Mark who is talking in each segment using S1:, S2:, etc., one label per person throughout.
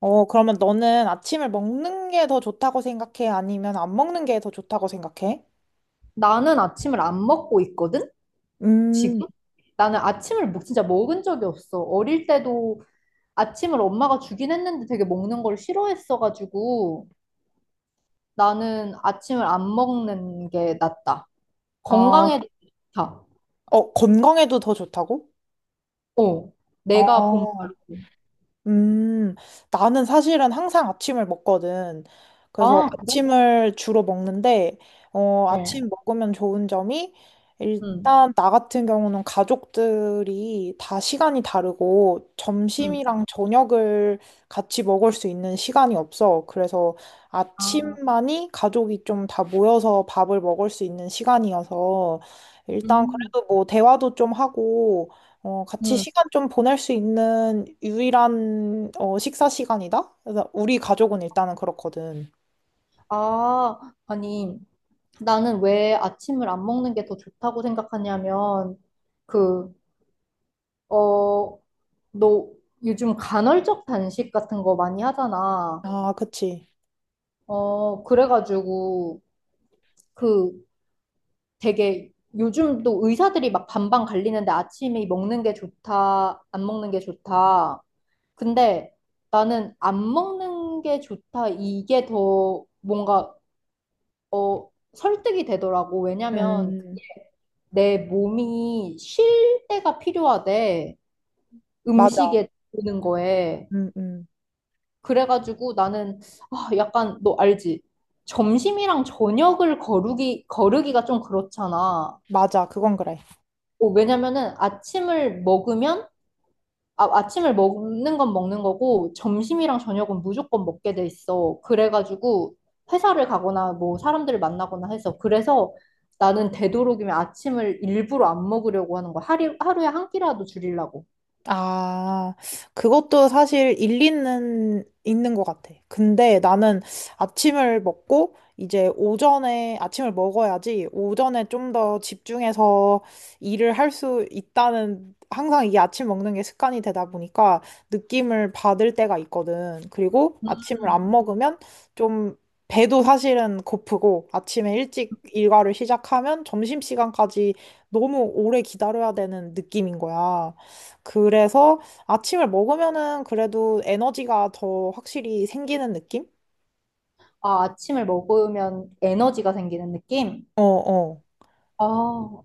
S1: 그러면 너는 아침을 먹는 게 더 좋다고 생각해? 아니면 안 먹는 게 더 좋다고 생각해?
S2: 나는 아침을 안 먹고 있거든?
S1: 음,
S2: 지금? 나는 아침을 진짜 먹은 적이 없어. 어릴 때도 아침을 엄마가 주긴 했는데 되게 먹는 걸 싫어했어가지고 나는 아침을 안 먹는 게 낫다.
S1: 아,
S2: 건강에도 좋다.
S1: 건강에도 더 좋다고?
S2: 어. 내가 본
S1: 아,
S2: 바로.
S1: 음, 나는 사실은 항상 아침을 먹거든. 그래서
S2: 아, 그래?
S1: 아침을 주로 먹는데, 아침
S2: 어.
S1: 먹으면 좋은 점이,
S2: 응.
S1: 일단 나 같은 경우는 가족들이 다 시간이 다르고,
S2: 응.
S1: 점심이랑 저녁을 같이 먹을 수 있는 시간이 없어. 그래서
S2: 아,
S1: 아침만이 가족이 좀 다 모여서 밥을 먹을 수 있는 시간이어서, 일단
S2: 음.
S1: 그래도 뭐 대화도 좀 하고, 같이
S2: 음.
S1: 시간 좀 보낼 수 있는 유일한 식사 시간이다? 그래서 우리 가족은 일단은 그렇거든.
S2: 아, 아니. 나는 왜 아침을 안 먹는 게 더 좋다고 생각하냐면 그, 어, 너 요즘 간헐적 단식 같은 거 많이 하잖아.
S1: 아, 그치.
S2: 그래가지고 그 되게 요즘 또 의사들이 막 반반 갈리는데 아침에 먹는 게 좋다, 안 먹는 게 좋다. 근데 나는 안 먹는 게 좋다. 이게 더 뭔가 설득이 되더라고. 왜냐면
S1: 음,
S2: 내 몸이 쉴 때가 필요하대.
S1: 맞아.
S2: 음식에 드는 거에.
S1: 음, 음.
S2: 그래가지고 나는, 아, 약간 너 알지? 점심이랑 저녁을 거르기가 좀 그렇잖아.
S1: 맞아. 그건 그래.
S2: 왜냐면은 아침을 먹으면, 아, 아침을 먹는 건 먹는 거고 점심이랑 저녁은 무조건 먹게 돼 있어. 그래가지고 회사를 가거나 뭐 사람들을 만나거나 해서 그래서 나는 되도록이면 아침을 일부러 안 먹으려고 하는 거야. 하루에 한 끼라도 줄이려고.
S1: 아, 그것도 사실 일리는 있는 것 같아. 근데 나는 아침을 먹고 이제 오전에 아침을 먹어야지 오전에 좀 더 집중해서 일을 할 수 있다는 항상 이게 아침 먹는 게 습관이 되다 보니까 느낌을 받을 때가 있거든. 그리고 아침을 안 먹으면 좀 배도 사실은 고프고 아침에 일찍 일과를 시작하면 점심시간까지 너무 오래 기다려야 되는 느낌인 거야. 그래서 아침을 먹으면은 그래도 에너지가 더 확실히 생기는 느낌?
S2: 아, 아침을 먹으면 에너지가 생기는 느낌?
S1: 어, 어.
S2: 아,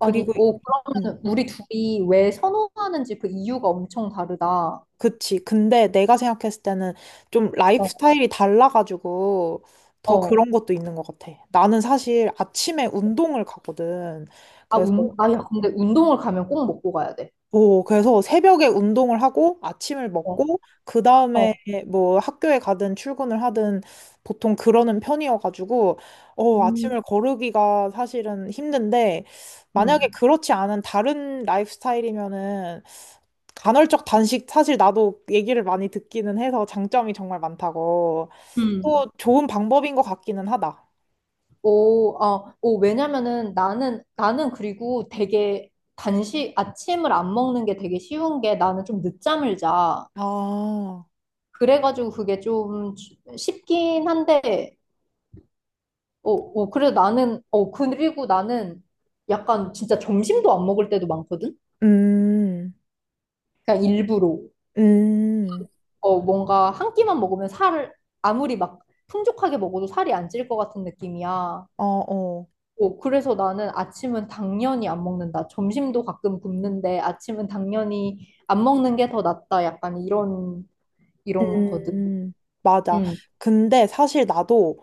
S2: 아니,
S1: 그리고,
S2: 오,
S1: 음,
S2: 그러면은 우리 둘이 왜 선호하는지 그 이유가 엄청 다르다.
S1: 그치. 근데 내가 생각했을 때는 좀 라이프
S2: 어,
S1: 스타일이 달라가지고 더
S2: 어.
S1: 그런 것도 있는 것 같아. 나는 사실 아침에 운동을 가거든.
S2: 아,
S1: 그래서
S2: 아, 야, 근데 운동을 가면 꼭 먹고 가야 돼.
S1: 오, 그래서 새벽에 운동을 하고 아침을
S2: 어,
S1: 먹고 그 다음에
S2: 어.
S1: 뭐 학교에 가든 출근을 하든 보통 그러는 편이어가지고
S2: 음,
S1: 아침을 거르기가 사실은 힘든데 만약에
S2: 음,
S1: 그렇지 않은 다른 라이프 스타일이면은 간헐적 단식 사실 나도 얘기를 많이 듣기는 해서 장점이 정말 많다고
S2: 음.
S1: 또 좋은 방법인 것 같기는 하다.
S2: 오, 아, 오, 왜냐면은 나는 그리고 되게 아침을 안 먹는 게 되게 쉬운 게 나는 좀 늦잠을 자.
S1: 아,
S2: 그래가지고 그게 좀 쉽긴 한데, 그래 나는, 그리고 나는 약간 진짜 점심도 안 먹을 때도 많거든?
S1: 음,
S2: 그냥 일부러
S1: 음,
S2: 뭔가 한 끼만 먹으면 살을 아무리 막 풍족하게 먹어도 살이 안 찔 것 같은 느낌이야.
S1: 어, 어.
S2: 그래서 나는 아침은 당연히 안 먹는다. 점심도 가끔 굶는데 아침은 당연히 안 먹는 게 더 낫다. 약간 이런 거든.
S1: 음, 맞아.
S2: 응,
S1: 근데 사실 나도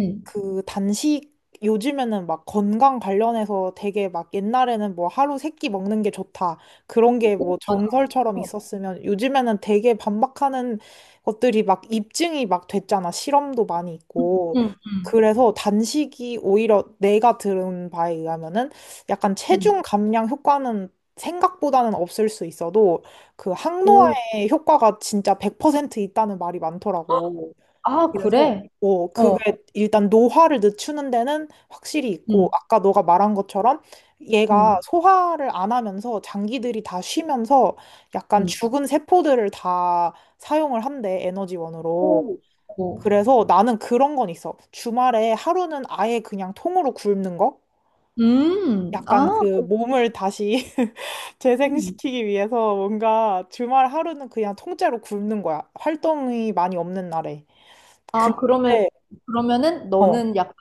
S2: 응.
S1: 그 단식 요즘에는 막 건강 관련해서 되게 막 옛날에는 뭐 하루 세끼 먹는 게 좋다. 그런 게
S2: 오,
S1: 뭐
S2: 맞아.
S1: 정설처럼
S2: 어,
S1: 있었으면 요즘에는 되게 반박하는 것들이 막 입증이 막 됐잖아. 실험도 많이
S2: 응,
S1: 있고.
S2: 응, 응.
S1: 그래서 단식이 오히려 내가 들은 바에 의하면은 약간
S2: 응.
S1: 체중 감량 효과는 생각보다는 없을 수 있어도 그
S2: 오,
S1: 항노화의 효과가 진짜 100% 있다는 말이 많더라고.
S2: 아,
S1: 그래서
S2: 그래? 어,
S1: 그게 일단 노화를 늦추는 데는 확실히 있고
S2: 응,
S1: 아까 너가 말한 것처럼 얘가
S2: 응,
S1: 소화를 안 하면서 장기들이 다 쉬면서 약간
S2: 응.
S1: 죽은 세포들을 다 사용을 한대 에너지원으로.
S2: 오, 오.
S1: 그래서 나는 그런 건 있어. 주말에 하루는 아예 그냥 통으로 굶는 거? 약간
S2: 아,
S1: 그 몸을 다시 재생시키기 위해서 뭔가 주말 하루는 그냥 통째로 굶는 거야. 활동이 많이 없는 날에.
S2: 아, 그러면,
S1: 근데
S2: 그러면은
S1: 어,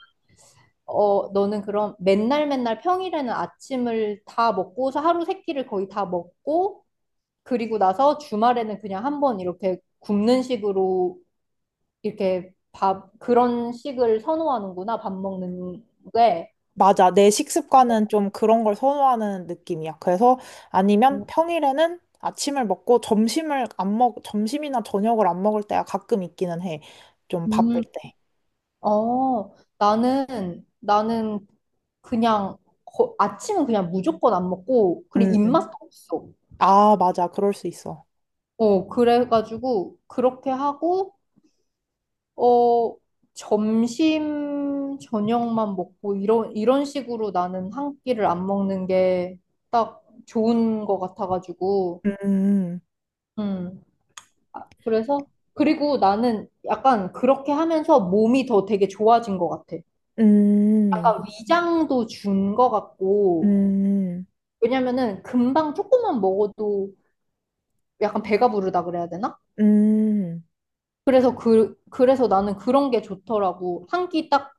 S2: 너는 그럼 맨날 맨날 평일에는 아침을 다 먹고서 하루 세 끼를 거의 다 먹고, 그리고 나서 주말에는 그냥 한번 이렇게 굶는 식으로 이렇게 그런 식을 선호하는구나, 밥 먹는 게.
S1: 맞아. 내 식습관은 좀 그런 걸 선호하는 느낌이야. 그래서 아니면 평일에는 아침을 먹고 점심을 안 먹, 점심이나 저녁을 안 먹을 때가 가끔 있기는 해. 좀 바쁠
S2: 음,
S1: 때.
S2: 나는 그냥 아침은 그냥 무조건 안 먹고, 그리고
S1: 음, 음.
S2: 입맛도 없어.
S1: 아, 맞아. 그럴 수 있어.
S2: 그래가지고 그렇게 하고, 어, 점심, 저녁만 먹고, 이런 식으로 나는 한 끼를 안 먹는 게 딱 좋은 것 같아가지고,
S1: 음,
S2: 음. 아, 그래서, 그리고 나는 약간 그렇게 하면서 몸이 더 되게 좋아진 것 같아.
S1: 음,
S2: 약간 위장도 준 것 같고,
S1: 음,
S2: 왜냐면은 금방 조금만 먹어도 약간 배가 부르다 그래야 되나?
S1: 음,
S2: 그래서 나는 그런 게 좋더라고. 한 끼 딱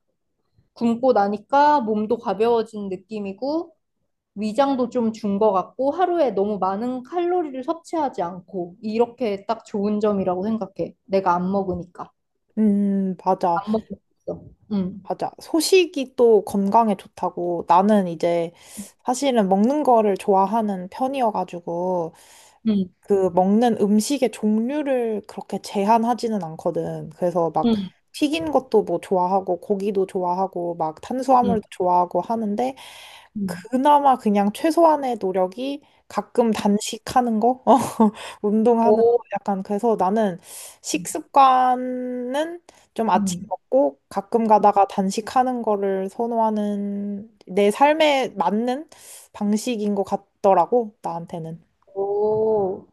S2: 굶고 나니까 몸도 가벼워진 느낌이고, 위장도 좀 준 것 같고 하루에 너무 많은 칼로리를 섭취하지 않고 이렇게 딱 좋은 점이라고 생각해. 내가 안 먹으니까.
S1: 맞아.
S2: 안 먹고 있어. 응,
S1: 맞아. 소식이 또 건강에 좋다고. 나는 이제 사실은 먹는 거를 좋아하는 편이어가지고.
S2: 응,
S1: 그 먹는 음식의 종류를 그렇게 제한하지는 않거든. 그래서 막
S2: 응,
S1: 튀긴 것도 뭐 좋아하고 고기도 좋아하고 막 탄수화물도
S2: 응,
S1: 좋아하고 하는데
S2: 응.
S1: 그나마 그냥 최소한의 노력이 가끔 단식하는 거, 어, 운동하는 거
S2: 오,
S1: 약간 그래서 나는 식습관은 좀 아침
S2: 응.
S1: 먹고 가끔 가다가 단식하는 거를 선호하는 내 삶에 맞는 방식인 것 같더라고 나한테는.
S2: 오.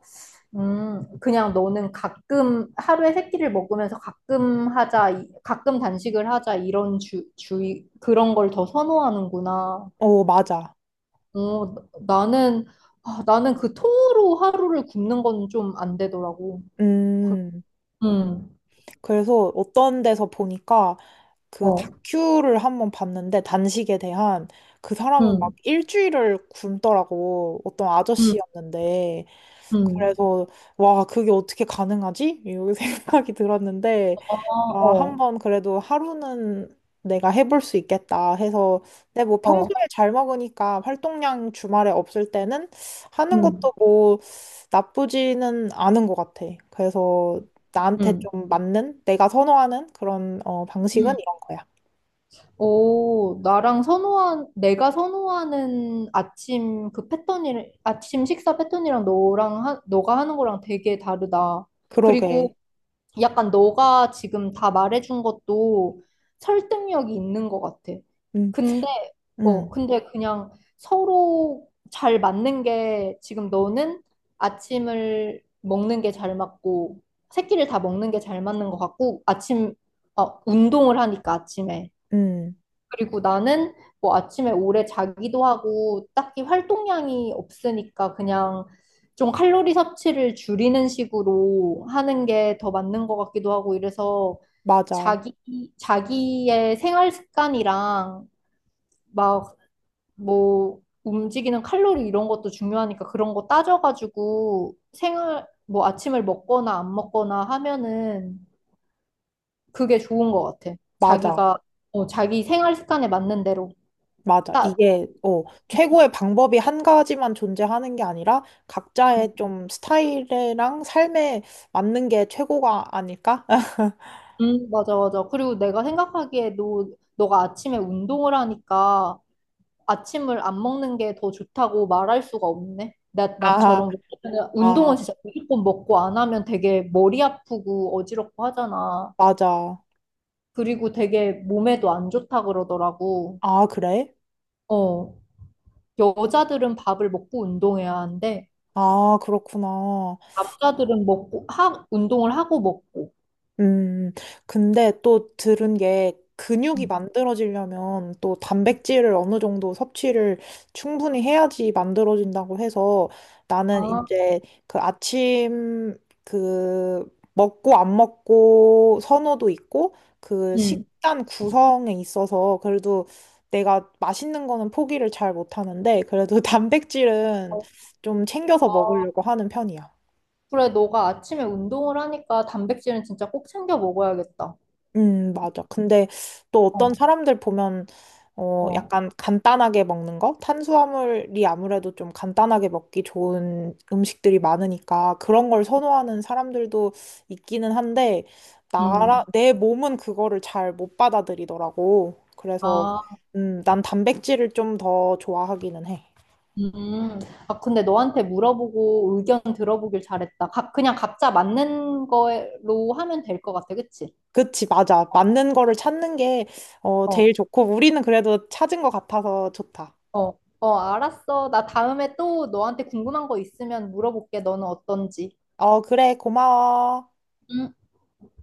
S2: 그냥 너는 가끔 하루에 세 끼를 먹으면서 가끔 하자, 가끔 단식을 하자 이런 주의 그런 걸 더 선호하는구나.
S1: 어 맞아.
S2: 나는, 아, 나는 그 통으로 하루를 굶는 건 좀 안 되더라고. 그-
S1: 음,
S2: 음,
S1: 그래서 어떤 데서 보니까 그
S2: 어,
S1: 다큐를 한번 봤는데 단식에 대한 그 사람은 막
S2: 음,
S1: 일주일을 굶더라고. 어떤
S2: 음,
S1: 아저씨였는데.
S2: 음,
S1: 그래서 와, 그게 어떻게 가능하지? 이 생각이 들었는데
S2: 어,
S1: 아,
S2: 어,
S1: 한번 그래도 하루는 내가 해볼 수 있겠다 해서, 근데 뭐
S2: 어,
S1: 평소에 잘 먹으니까 활동량 주말에 없을 때는 하는
S2: 음,
S1: 것도 뭐 나쁘지는 않은 것 같아. 그래서 나한테
S2: 음.
S1: 좀 맞는, 내가 선호하는 그런 방식은
S2: 음.
S1: 이런 거야.
S2: 오, 내가 선호하는 아침 식사 패턴이랑 너가 하는 거랑 되게 다르다.
S1: 그러게.
S2: 그리고 약간 너가 지금 다 말해준 것도 설득력이 있는 것 같아.
S1: 음,
S2: 근데, 어,
S1: 음,
S2: 근데 그냥 서로 잘 맞는 게 지금 너는 아침을 먹는 게 잘 맞고, 새끼를 다 먹는 게 잘 맞는 것 같고, 아침, 운동을 하니까 아침에.
S1: 음,
S2: 그리고 나는 뭐 아침에 오래 자기도 하고 딱히 활동량이 없으니까 그냥 좀 칼로리 섭취를 줄이는 식으로 하는 게 더 맞는 것 같기도 하고 이래서
S1: 맞아,
S2: 자기, 자기의 생활 습관이랑 막 뭐 움직이는 칼로리 이런 것도 중요하니까 그런 거 따져가지고 뭐 아침을 먹거나 안 먹거나 하면은 그게 좋은 것 같아.
S1: 맞아.
S2: 자기 생활 습관에 맞는 대로.
S1: 맞아.
S2: 따,
S1: 최고의 방법이 한 가지만 존재하는 게 아니라 각자의 좀 스타일이랑 삶에 맞는 게 최고가 아닐까?
S2: 맞아, 맞아. 그리고 내가 생각하기에 너가 아침에 운동을 하니까 아침을 안 먹는 게 더 좋다고 말할 수가 없네. 나,
S1: 아,
S2: 나처럼. 왜냐면 운동은
S1: 아,
S2: 진짜 무조건 먹고 안 하면 되게 머리 아프고 어지럽고 하잖아.
S1: 맞아.
S2: 그리고 되게 몸에도 안 좋다 그러더라고.
S1: 아, 그래?
S2: 어, 여자들은 밥을 먹고 운동해야 하는데,
S1: 아, 그렇구나.
S2: 남자들은 먹고, 운동을 하고 먹고.
S1: 음, 근데 또 들은 게 근육이
S2: 음.
S1: 만들어지려면 또 단백질을 어느 정도 섭취를 충분히 해야지 만들어진다고 해서 나는
S2: 아,
S1: 이제 그 아침 그 먹고 안 먹고 선호도 있고 그
S2: 음.
S1: 식단 구성에 있어서 그래도 내가 맛있는 거는 포기를 잘 못하는데 그래도 단백질은 좀 챙겨서
S2: 어,
S1: 먹으려고 하는 편이야.
S2: 그래, 너가 아침에 운동을 하니까 단백질은 진짜 꼭 챙겨 먹어야겠다.
S1: 맞아. 근데 또 어떤
S2: 어,
S1: 사람들 보면,
S2: 어.
S1: 약간 간단하게 먹는 거? 탄수화물이 아무래도 좀 간단하게 먹기 좋은 음식들이 많으니까 그런 걸 선호하는 사람들도 있기는 한데,
S2: 음.
S1: 내 몸은 그거를 잘 못 받아들이더라고. 그래서,
S2: 아,
S1: 난 단백질을 좀 더 좋아하기는 해.
S2: 음. 아, 근데 너한테 물어보고 의견 들어보길 잘했다. 그냥 각자 맞는 거로 하면 될 것 같아. 그치?
S1: 그치, 맞아.
S2: 어,
S1: 맞는 거를 찾는 게 제일
S2: 어,
S1: 좋고, 우리는 그래도 찾은 것 같아서 좋다.
S2: 어, 어, 알았어. 나 다음에 또 너한테 궁금한 거 있으면 물어볼게. 너는 어떤지.
S1: 어, 그래, 고마워.
S2: 음.